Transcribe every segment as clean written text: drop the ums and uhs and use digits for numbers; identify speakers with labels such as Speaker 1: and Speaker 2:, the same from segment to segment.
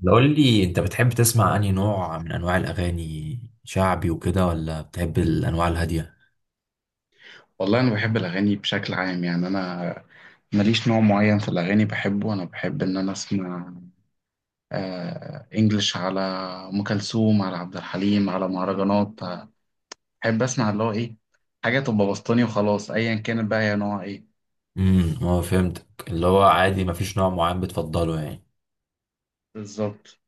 Speaker 1: لو قول لي انت بتحب تسمع انهي نوع من انواع الاغاني شعبي وكده، ولا بتحب الانواع الهاديه؟
Speaker 2: والله أنا بحب الأغاني بشكل عام. يعني أنا ماليش نوع معين في الأغاني بحبه. أنا بحب إن أنا أسمع إنجلش، على أم كلثوم، على عبد الحليم، على مهرجانات. بحب أسمع اللي هو إيه، حاجة تبقى بسطاني وخلاص، أيا كانت بقى هي نوع إيه.
Speaker 1: امم. هو فهمتك، اللي هو عادي مفيش نوع معين بتفضله يعني.
Speaker 2: بالظبط.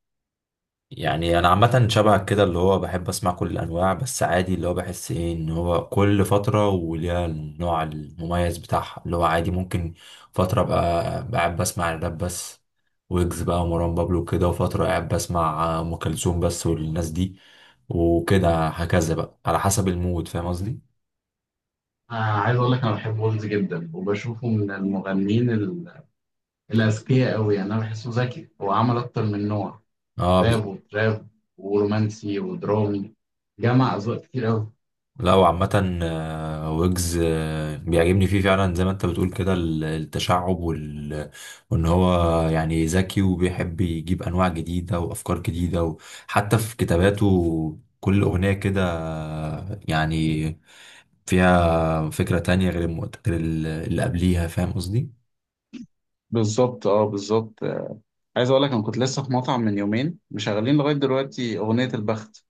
Speaker 1: يعني انا عامه شبهك كده اللي هو بحب اسمع كل الانواع، بس عادي اللي هو بحس ايه ان هو كل فتره وليها النوع المميز بتاعها. اللي هو عادي ممكن فتره ابقى قاعد بسمع الراب بس، ويجز بقى ومروان بابلو كده، وفتره قاعد بسمع ام كلثوم بس والناس دي وكده هكذا بقى على حسب المود. فاهم قصدي؟
Speaker 2: عايز اقول لك انا بحب ويلز جدا، وبشوفه من المغنيين الاذكياء قوي. يعني انا بحسه ذكي، هو عمل اكتر من نوع،
Speaker 1: اه.
Speaker 2: راب وتراب ورومانسي ودرامي، جمع اذواق كتير قوي.
Speaker 1: لا وعامة ويجز بيعجبني فيه فعلا زي ما انت بتقول كده التشعب وال... وان هو يعني ذكي وبيحب يجيب انواع جديدة وافكار جديدة، وحتى في كتاباته كل اغنية كده يعني فيها فكرة تانية غير غير اللي قبليها. فاهم قصدي؟
Speaker 2: بالظبط، اه بالظبط. عايز اقول لك انا كنت لسه في مطعم من يومين، مشغلين لغايه دلوقتي اغنيه البخت.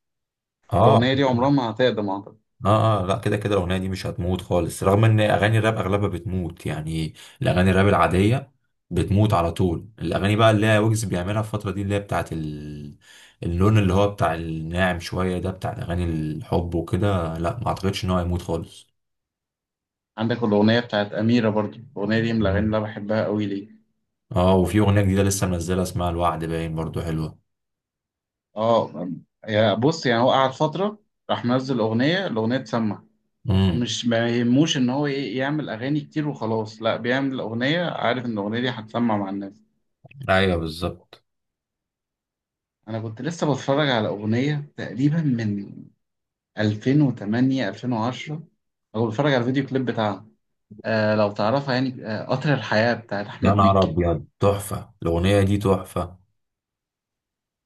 Speaker 1: اه
Speaker 2: الاغنيه دي عمرها ما هتقدم اعتقد.
Speaker 1: اه. اه لا كده كده الاغنيه دي مش هتموت خالص، رغم ان اغاني الراب اغلبها بتموت يعني. الاغاني الراب العاديه بتموت على طول. الاغاني بقى اللي هي ويجز بيعملها الفتره دي اللي هي بتاعت ال... اللون اللي هو بتاع الناعم شويه ده، بتاع اغاني الحب وكده، لا ما اعتقدش ان هو هيموت خالص.
Speaker 2: عندك الاغنيه بتاعت اميره برضو، الاغنيه دي من الاغاني اللي
Speaker 1: مم.
Speaker 2: انا بحبها قوي ليه.
Speaker 1: اه وفي اغنيه جديده لسه منزلها اسمها الوعد باين، برضو حلوه.
Speaker 2: اه. يا بص، يعني هو قعد فتره راح منزل اغنيه، الاغنيه تسمع.
Speaker 1: امم.
Speaker 2: مش ما يهموش ان هو ايه، يعمل اغاني كتير وخلاص. لا، بيعمل اغنيه عارف ان الاغنيه دي هتسمع مع الناس.
Speaker 1: ايوه بالظبط.
Speaker 2: انا كنت لسه بتفرج على اغنيه تقريبا من 2008، 2010، او بتفرج على الفيديو كليب بتاعها. آه لو تعرفها، يعني آه قطر الحياة بتاعت
Speaker 1: يا
Speaker 2: أحمد
Speaker 1: نهار
Speaker 2: مكي.
Speaker 1: ابيض، تحفه الاغنيه دي، تحفه.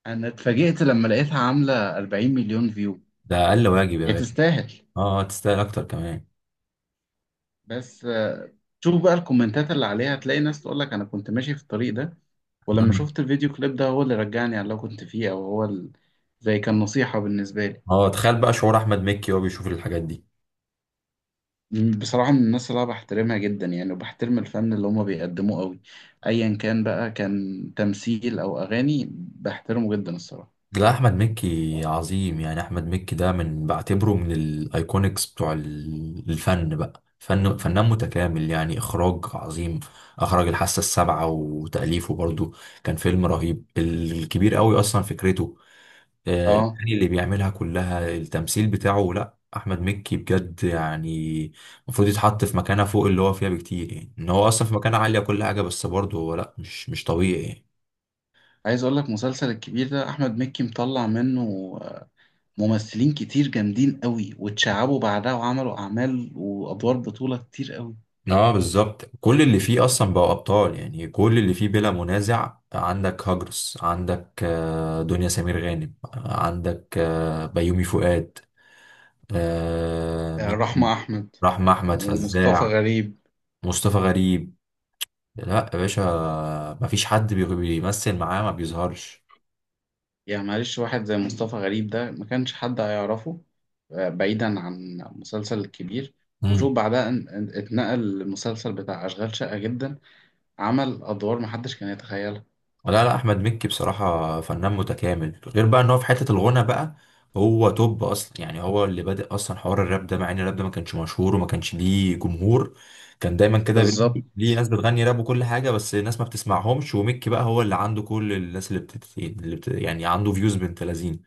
Speaker 2: أنا اتفاجئت لما لقيتها عاملة 40 مليون فيو.
Speaker 1: ده اقل واجب يا
Speaker 2: هي
Speaker 1: باشا.
Speaker 2: تستاهل.
Speaker 1: اه تستاهل اكتر كمان.
Speaker 2: بس آه، شوف بقى الكومنتات اللي عليها هتلاقي ناس تقول لك أنا كنت ماشي في الطريق ده، ولما شفت الفيديو كليب ده هو اللي رجعني على اللي أنا كنت فيه، أو هو زي كان نصيحة بالنسبة لي.
Speaker 1: اه تخيل بقى شعور احمد مكي وهو بيشوف الحاجات دي.
Speaker 2: بصراحة من الناس اللي أنا بحترمها جدا، يعني وبحترم الفن اللي هما بيقدموه قوي، أيا كان بقى كان تمثيل أو أغاني، بحترمه جدا الصراحة.
Speaker 1: لا احمد مكي عظيم يعني. احمد مكي ده من بعتبره من الايكونكس بتوع الفن بقى. فن فنان متكامل يعني، اخراج عظيم، اخرج الحاسه السابعه وتاليفه برضو، كان فيلم رهيب الكبير قوي اصلا فكرته،
Speaker 2: اه
Speaker 1: الاغاني اللي بيعملها كلها، التمثيل بتاعه. لا احمد مكي بجد يعني المفروض يتحط في مكانه فوق اللي هو فيها بكتير، يعني ان هو اصلا في مكانه عاليه كل حاجه، بس برضه هو لا مش طبيعي يعني.
Speaker 2: عايز اقول لك مسلسل الكبير ده احمد مكي مطلع منه آه، ممثلين كتير جامدين قوي، واتشعبوا بعدها وعملوا اعمال وادوار بطولة كتير قوي.
Speaker 1: اه بالظبط، كل اللي فيه اصلا بقوا ابطال يعني، كل اللي فيه بلا منازع. عندك هاجرس، عندك دنيا سمير غانم، عندك بيومي فؤاد، مين؟
Speaker 2: رحمة احمد
Speaker 1: رحمة احمد
Speaker 2: ومصطفى
Speaker 1: فزاع،
Speaker 2: غريب.
Speaker 1: مصطفى غريب. لا يا باشا مفيش حد بيمثل معاه ما بيظهرش.
Speaker 2: يعني معلش واحد زي مصطفى غريب ده ما كانش حد هيعرفه. بعيدا عن مسلسل الكبير، وشوف بعدها اتنقل للمسلسل بتاع أشغال شقة جدا، عمل أدوار محدش كان يتخيلها.
Speaker 1: لا لا احمد مكي بصراحه فنان متكامل، غير بقى ان هو في حته الغنى بقى هو توب اصلا. يعني هو اللي بادئ اصلا حوار الراب ده، مع ان الراب ده ما كانش مشهور وما كانش ليه جمهور. كان دايما كده
Speaker 2: بالظبط.
Speaker 1: ليه ناس بتغني راب وكل حاجه، بس الناس ما بتسمعهمش. ومكي بقى هو اللي عنده كل الناس اللي, بتت... اللي بت... يعني عنده فيوز بنت لذين.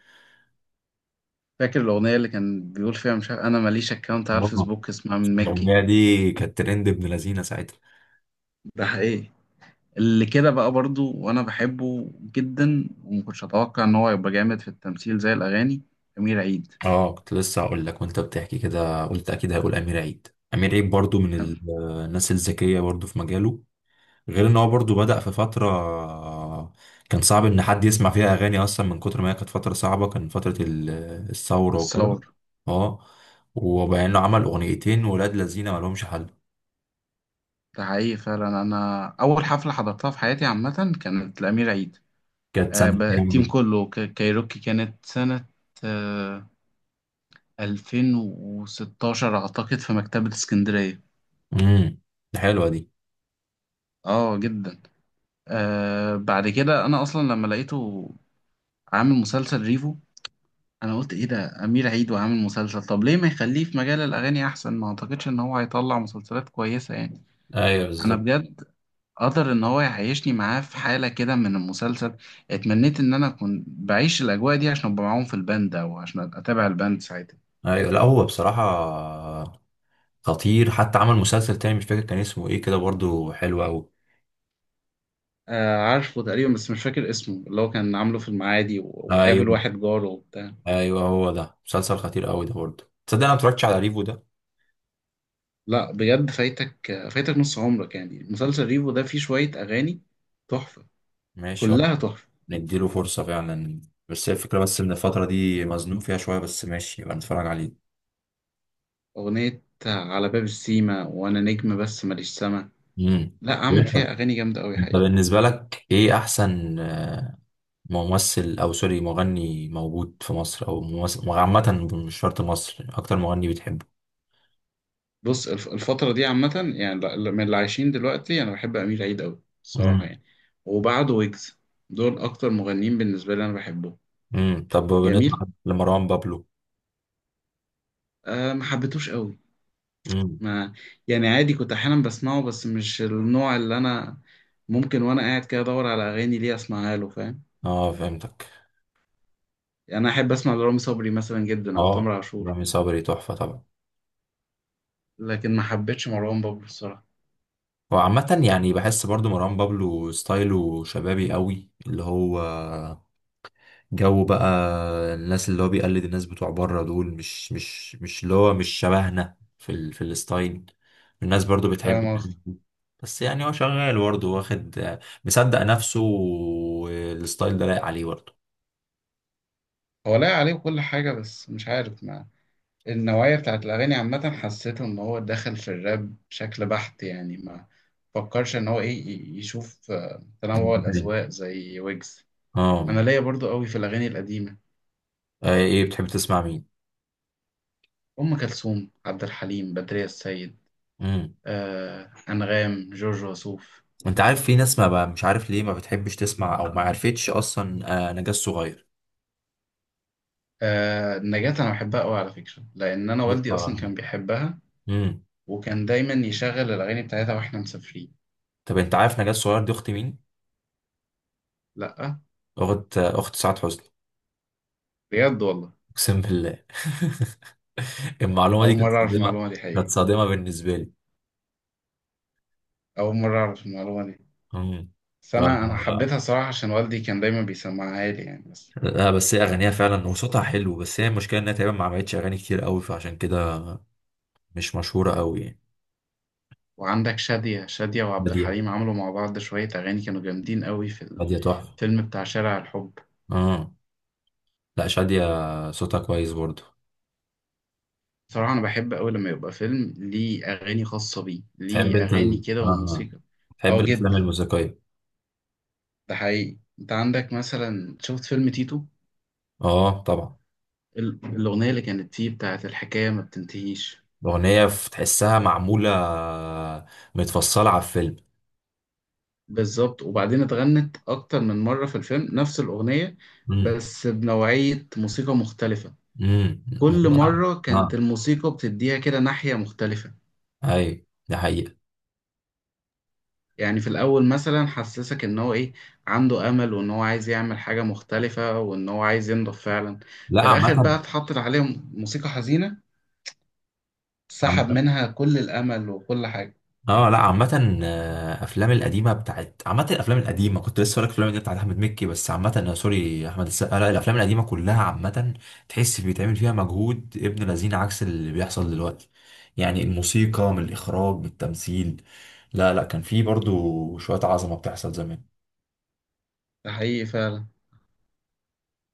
Speaker 2: فاكر الأغنية اللي كان بيقول فيها مش عارف أنا ماليش أكاونت على
Speaker 1: آه.
Speaker 2: الفيسبوك، اسمها من مكي.
Speaker 1: الاغنيه دي كانت ترند ابن لذينه ساعتها.
Speaker 2: ده حقيقي. اللي كده بقى برضو وانا بحبه جدا ومكنتش اتوقع ان هو يبقى جامد في التمثيل زي الاغاني، امير عيد.
Speaker 1: اه كنت لسه هقول لك وانت بتحكي كده قلت اكيد هقول امير عيد. امير عيد برضو من الناس الذكيه برضو في مجاله. غير ان هو برضو بدأ في فترة كان صعب ان حد يسمع فيها اغاني اصلا، من كتر ما هي كانت فترة صعبة. كان فترة الثورة وكده.
Speaker 2: الثور.
Speaker 1: اه وبقى انه عمل اغنيتين ولاد لذينه ما لهمش حل.
Speaker 2: ده حقيقي فعلا، انا اول حفله حضرتها في حياتي عامه كانت لامير عيد.
Speaker 1: كانت سنة كام
Speaker 2: التيم
Speaker 1: دي؟
Speaker 2: كله كايروكي، كانت سنه آه، 2016 اعتقد في مكتبه اسكندريه.
Speaker 1: امم. دي حلوة دي.
Speaker 2: اه جدا. آه بعد كده انا اصلا لما لقيته عامل مسلسل ريفو، انا قلت ايه ده امير عيد وعامل مسلسل؟ طب ليه ما يخليه في مجال الاغاني احسن؟ ما اعتقدش ان هو هيطلع مسلسلات كويسه يعني.
Speaker 1: ايوه
Speaker 2: انا
Speaker 1: بالظبط.
Speaker 2: بجد، قدر ان هو يعيشني معاه في حاله كده من المسلسل. اتمنيت ان انا اكون بعيش الاجواء دي عشان ابقى معاهم في الباند، او عشان اتابع الباند ساعتها.
Speaker 1: ايوه لا هو بصراحة خطير، حتى عمل مسلسل تاني مش فاكر كان اسمه ايه كده، برضو حلو قوي.
Speaker 2: آه عارفه تقريبا بس مش فاكر اسمه، اللي هو كان عامله في المعادي وقابل
Speaker 1: ايوه.
Speaker 2: واحد جاره وبتاع.
Speaker 1: ايوه هو ده، مسلسل خطير قوي ده برضو. تصدق انا ما اتفرجتش على ريفو ده.
Speaker 2: لا بجد فايتك، فايتك نص عمرك يعني. مسلسل ريفو ده فيه شويه اغاني تحفه،
Speaker 1: ماشي والله.
Speaker 2: كلها تحفه.
Speaker 1: نديله فرصة فعلا. بس هي الفكرة بس إن الفترة دي مزنوق فيها شوية، بس ماشي يبقى نتفرج عليه.
Speaker 2: أغنية على باب السيما، وأنا نجم بس ماليش سما.
Speaker 1: امم.
Speaker 2: لا عمل فيها أغاني جامدة أوي
Speaker 1: انت
Speaker 2: حقيقي.
Speaker 1: بالنسبة لك ايه احسن ممثل او سوري مغني موجود في مصر، او ممثل عامة مش شرط مصر، اكتر مغني بتحبه؟
Speaker 2: بص الفترة دي عامة، يعني من اللي عايشين دلوقتي أنا بحب أمير عيد أوي الصراحة
Speaker 1: امم.
Speaker 2: يعني، وبعده ويجز. دول أكتر مغنيين بالنسبة لي أنا بحبهم.
Speaker 1: طب بالنسبة
Speaker 2: جميل.
Speaker 1: لمروان بابلو؟
Speaker 2: أه ما حبيتوش أوي.
Speaker 1: امم.
Speaker 2: ما يعني عادي كنت أحيانا بسمعه، بس مش النوع اللي أنا ممكن وأنا قاعد كده أدور على أغاني ليه أسمعها له، فاهم.
Speaker 1: اه فهمتك.
Speaker 2: يعني أنا أحب أسمع لرامي صبري مثلا جدا، أو تامر
Speaker 1: اه
Speaker 2: عاشور.
Speaker 1: رامي صبري تحفة طبعا.
Speaker 2: لكن ما حبيتش مروان بابلو الصراحة.
Speaker 1: وعامة يعني بحس برضو مروان بابلو ستايله شبابي قوي، اللي هو جو بقى، الناس اللي هو بيقلد الناس بتوع بره دول، مش اللي هو مش شبهنا في ال... في الستايل. الناس برضو بتحب
Speaker 2: فاهم قصدي.
Speaker 1: بس يعني هو شغال برضه، واخد مصدق نفسه، والستايل ده لايق عليه برضه.
Speaker 2: هو لاقي عليه كل حاجة، بس مش عارف، ما النوعية بتاعت الأغاني عامة حسيته إن هو دخل في الراب بشكل بحت، يعني ما فكرش إن هو إيه، يشوف تنوع
Speaker 1: مم.
Speaker 2: الأذواق زي ويجز.
Speaker 1: اه.
Speaker 2: أنا ليا برضو قوي في الأغاني القديمة،
Speaker 1: ايه بتحب تسمع مين؟
Speaker 2: أم كلثوم، عبد الحليم، بدرية السيد،
Speaker 1: امم
Speaker 2: أنغام، جورج وسوف.
Speaker 1: انت عارف في ناس ما بقى مش عارف ليه ما بتحبش تسمع، او ما عرفتش اصلا، نجاة صغير.
Speaker 2: نجاة أنا بحبها قوي على فكرة، لأن أنا
Speaker 1: صوتها
Speaker 2: والدي أصلا
Speaker 1: رهيب.
Speaker 2: كان بيحبها،
Speaker 1: امم.
Speaker 2: وكان دايما يشغل الأغاني بتاعتها وإحنا مسافرين.
Speaker 1: طب انت عارف نجاة صغير دي اخت مين؟
Speaker 2: لأ
Speaker 1: اخت اخت سعاد حسني.
Speaker 2: بجد والله؟
Speaker 1: اقسم بالله المعلومة دي
Speaker 2: أول
Speaker 1: كانت
Speaker 2: مرة أعرف
Speaker 1: صادمة.
Speaker 2: المعلومة دي
Speaker 1: كانت
Speaker 2: حقيقة.
Speaker 1: صادمة بالنسبة لي.
Speaker 2: أول مرة أعرف المعلومة دي.
Speaker 1: امم.
Speaker 2: بس
Speaker 1: ف...
Speaker 2: أنا حبيتها صراحة عشان والدي كان دايما بيسمعها لي يعني، بس.
Speaker 1: لا بس هي أغانيها فعلا وصوتها حلو، بس هي المشكلة إنها تقريبا ما عملتش أغاني كتير قوي، فعشان كده مش مشهورة قوي يعني.
Speaker 2: وعندك شادية، شادية وعبد
Speaker 1: بادية.
Speaker 2: الحليم عملوا مع بعض شوية أغاني كانوا جامدين قوي في
Speaker 1: بادية تحفة.
Speaker 2: الفيلم بتاع شارع الحب.
Speaker 1: اه لا شادية صوتها كويس برضه.
Speaker 2: صراحة أنا بحب أوي لما يبقى فيلم ليه أغاني خاصة بيه،
Speaker 1: تحب
Speaker 2: ليه
Speaker 1: أنت
Speaker 2: أغاني
Speaker 1: ال...
Speaker 2: كده
Speaker 1: آه.
Speaker 2: وموسيقى.
Speaker 1: تحب
Speaker 2: أه
Speaker 1: الأفلام
Speaker 2: جدا.
Speaker 1: الموسيقية؟
Speaker 2: ده حقيقي، أنت عندك مثلا شفت فيلم تيتو،
Speaker 1: اه طبعا.
Speaker 2: الأغنية اللي كانت فيه بتاعت الحكاية ما بتنتهيش.
Speaker 1: الأغنية تحسها معمولة متفصلة على الفيلم.
Speaker 2: بالظبط، وبعدين اتغنت اكتر من مره في الفيلم نفس الاغنيه،
Speaker 1: امم.
Speaker 2: بس بنوعيه موسيقى مختلفه.
Speaker 1: امم.
Speaker 2: كل مره كانت
Speaker 1: اه
Speaker 2: الموسيقى بتديها كده ناحيه مختلفه.
Speaker 1: أي دي حقيقة.
Speaker 2: يعني في الاول مثلا حسسك ان هو ايه، عنده امل وان هو عايز يعمل حاجه مختلفه، وان هو عايز ينضف فعلا. في
Speaker 1: لا
Speaker 2: الاخر بقى
Speaker 1: عامة.
Speaker 2: اتحطت عليه موسيقى حزينه، سحب
Speaker 1: عامة.
Speaker 2: منها كل الامل وكل حاجه.
Speaker 1: اه لا عامة، افلام القديمة بتاعت عامة الافلام القديمة كنت لسه هقولك الافلام القديمة بتاعت احمد مكي، بس عامة، سوري، احمد السقا، لا الافلام القديمة كلها عامة. تحس بيتعمل فيها مجهود ابن لذين، عكس اللي بيحصل دلوقتي. يعني الموسيقى، من الاخراج، من التمثيل. لا لا كان في برضو شوية عظمة بتحصل زمان.
Speaker 2: ده حقيقي فعلا.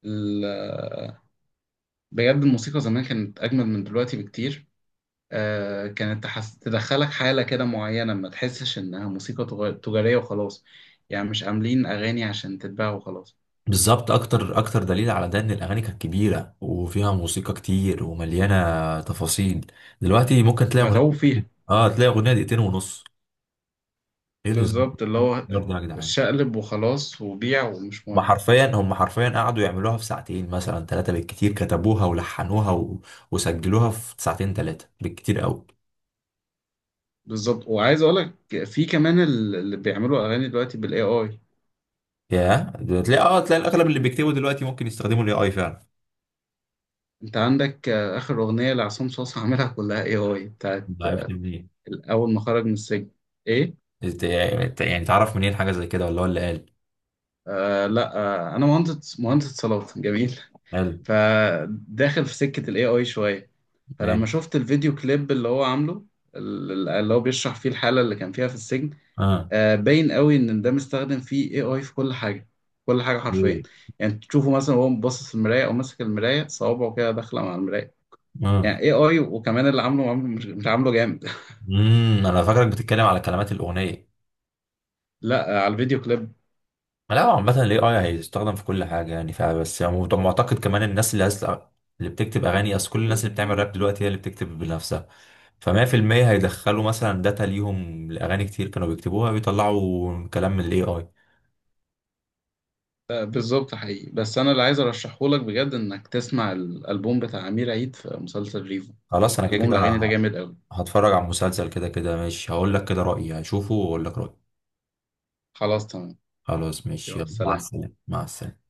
Speaker 2: ال- بجد الموسيقى زمان كانت اجمل من دلوقتي بكتير. كانت تدخلك حالة كده معينة، ما تحسش إنها موسيقى تجارية وخلاص، يعني مش عاملين أغاني عشان تتباع وخلاص.
Speaker 1: بالظبط. اكتر اكتر دليل على ده ان الاغاني كانت كبيرة وفيها موسيقى كتير ومليانة تفاصيل. دلوقتي ممكن تلاقي اغنية...
Speaker 2: متعوب فيها.
Speaker 1: اه تلاقي اغنية دقيقتين ونص. ايه الهزار؟
Speaker 2: بالظبط اللي
Speaker 1: إيه
Speaker 2: هو
Speaker 1: الهزار ده يا جدعان؟
Speaker 2: شقلب وخلاص وبيع ومش
Speaker 1: هم
Speaker 2: مهم.
Speaker 1: حرفيا هم حرفيا قعدوا يعملوها في ساعتين مثلا 3 بالكتير، كتبوها ولحنوها و... وسجلوها في ساعتين 3 بالكتير قوي.
Speaker 2: بالظبط. وعايز أقولك في كمان اللي بيعملوا أغاني دلوقتي بال AI.
Speaker 1: يا ده تلاقي، اه تلاقي الاغلب اللي بيكتبوا دلوقتي ممكن يستخدموا الAI فعلا.
Speaker 2: أنت عندك آخر أغنية لعصام صاصا عاملها كلها AI، بتاعت
Speaker 1: ده عرفت منين؟
Speaker 2: أول ما خرج من السجن. إيه؟
Speaker 1: يعني تعرف منين حاجة زي كده ولا هو اللي قال؟
Speaker 2: آه لا. آه أنا مهندس، صلاة جميل.
Speaker 1: قال.
Speaker 2: فداخل في سكة الاي اي شوية. فلما
Speaker 1: ماشي.
Speaker 2: شفت الفيديو كليب اللي هو عامله، اللي هو بيشرح فيه الحالة اللي كان فيها في السجن،
Speaker 1: اه.
Speaker 2: باين قوي ان ده مستخدم فيه اي اي في كل حاجة، كل حاجة حرفيا.
Speaker 1: ايه؟
Speaker 2: يعني تشوفه مثلا وهو باصص في المراية، او ماسك المراية صوابعه كده داخلة مع المراية. يعني
Speaker 1: اه.
Speaker 2: اي اي، وكمان اللي عامله عامله مش عامله جامد.
Speaker 1: انا فاكرك بتتكلم على كلمات الاغنية.
Speaker 2: لا على الفيديو كليب.
Speaker 1: لا هو عامة ال AI هيستخدم في كل حاجة يعني، فبس يعني طب معتقد كمان الناس اللي عايز اللي بتكتب أغاني، أصل كل الناس اللي بتعمل راب دلوقتي هي اللي بتكتب بنفسها، ف100% هيدخلوا مثلا داتا ليهم لأغاني كتير كانوا بيكتبوها، بيطلعوا كلام من ال AI.
Speaker 2: بالظبط حقيقي. بس انا اللي عايز ارشحه لك بجد انك تسمع الالبوم بتاع امير عيد في مسلسل ريفو،
Speaker 1: خلاص أنا كده
Speaker 2: البوم
Speaker 1: كده
Speaker 2: الاغاني ده جامد قوي.
Speaker 1: هتفرج على المسلسل كده كده ماشي، هقول لك كده رأيي، هشوفه وأقول لك رأيي.
Speaker 2: خلاص تمام.
Speaker 1: خلاص ماشي
Speaker 2: يلا
Speaker 1: يلا، مع
Speaker 2: سلام.
Speaker 1: السلامة مع السلامة.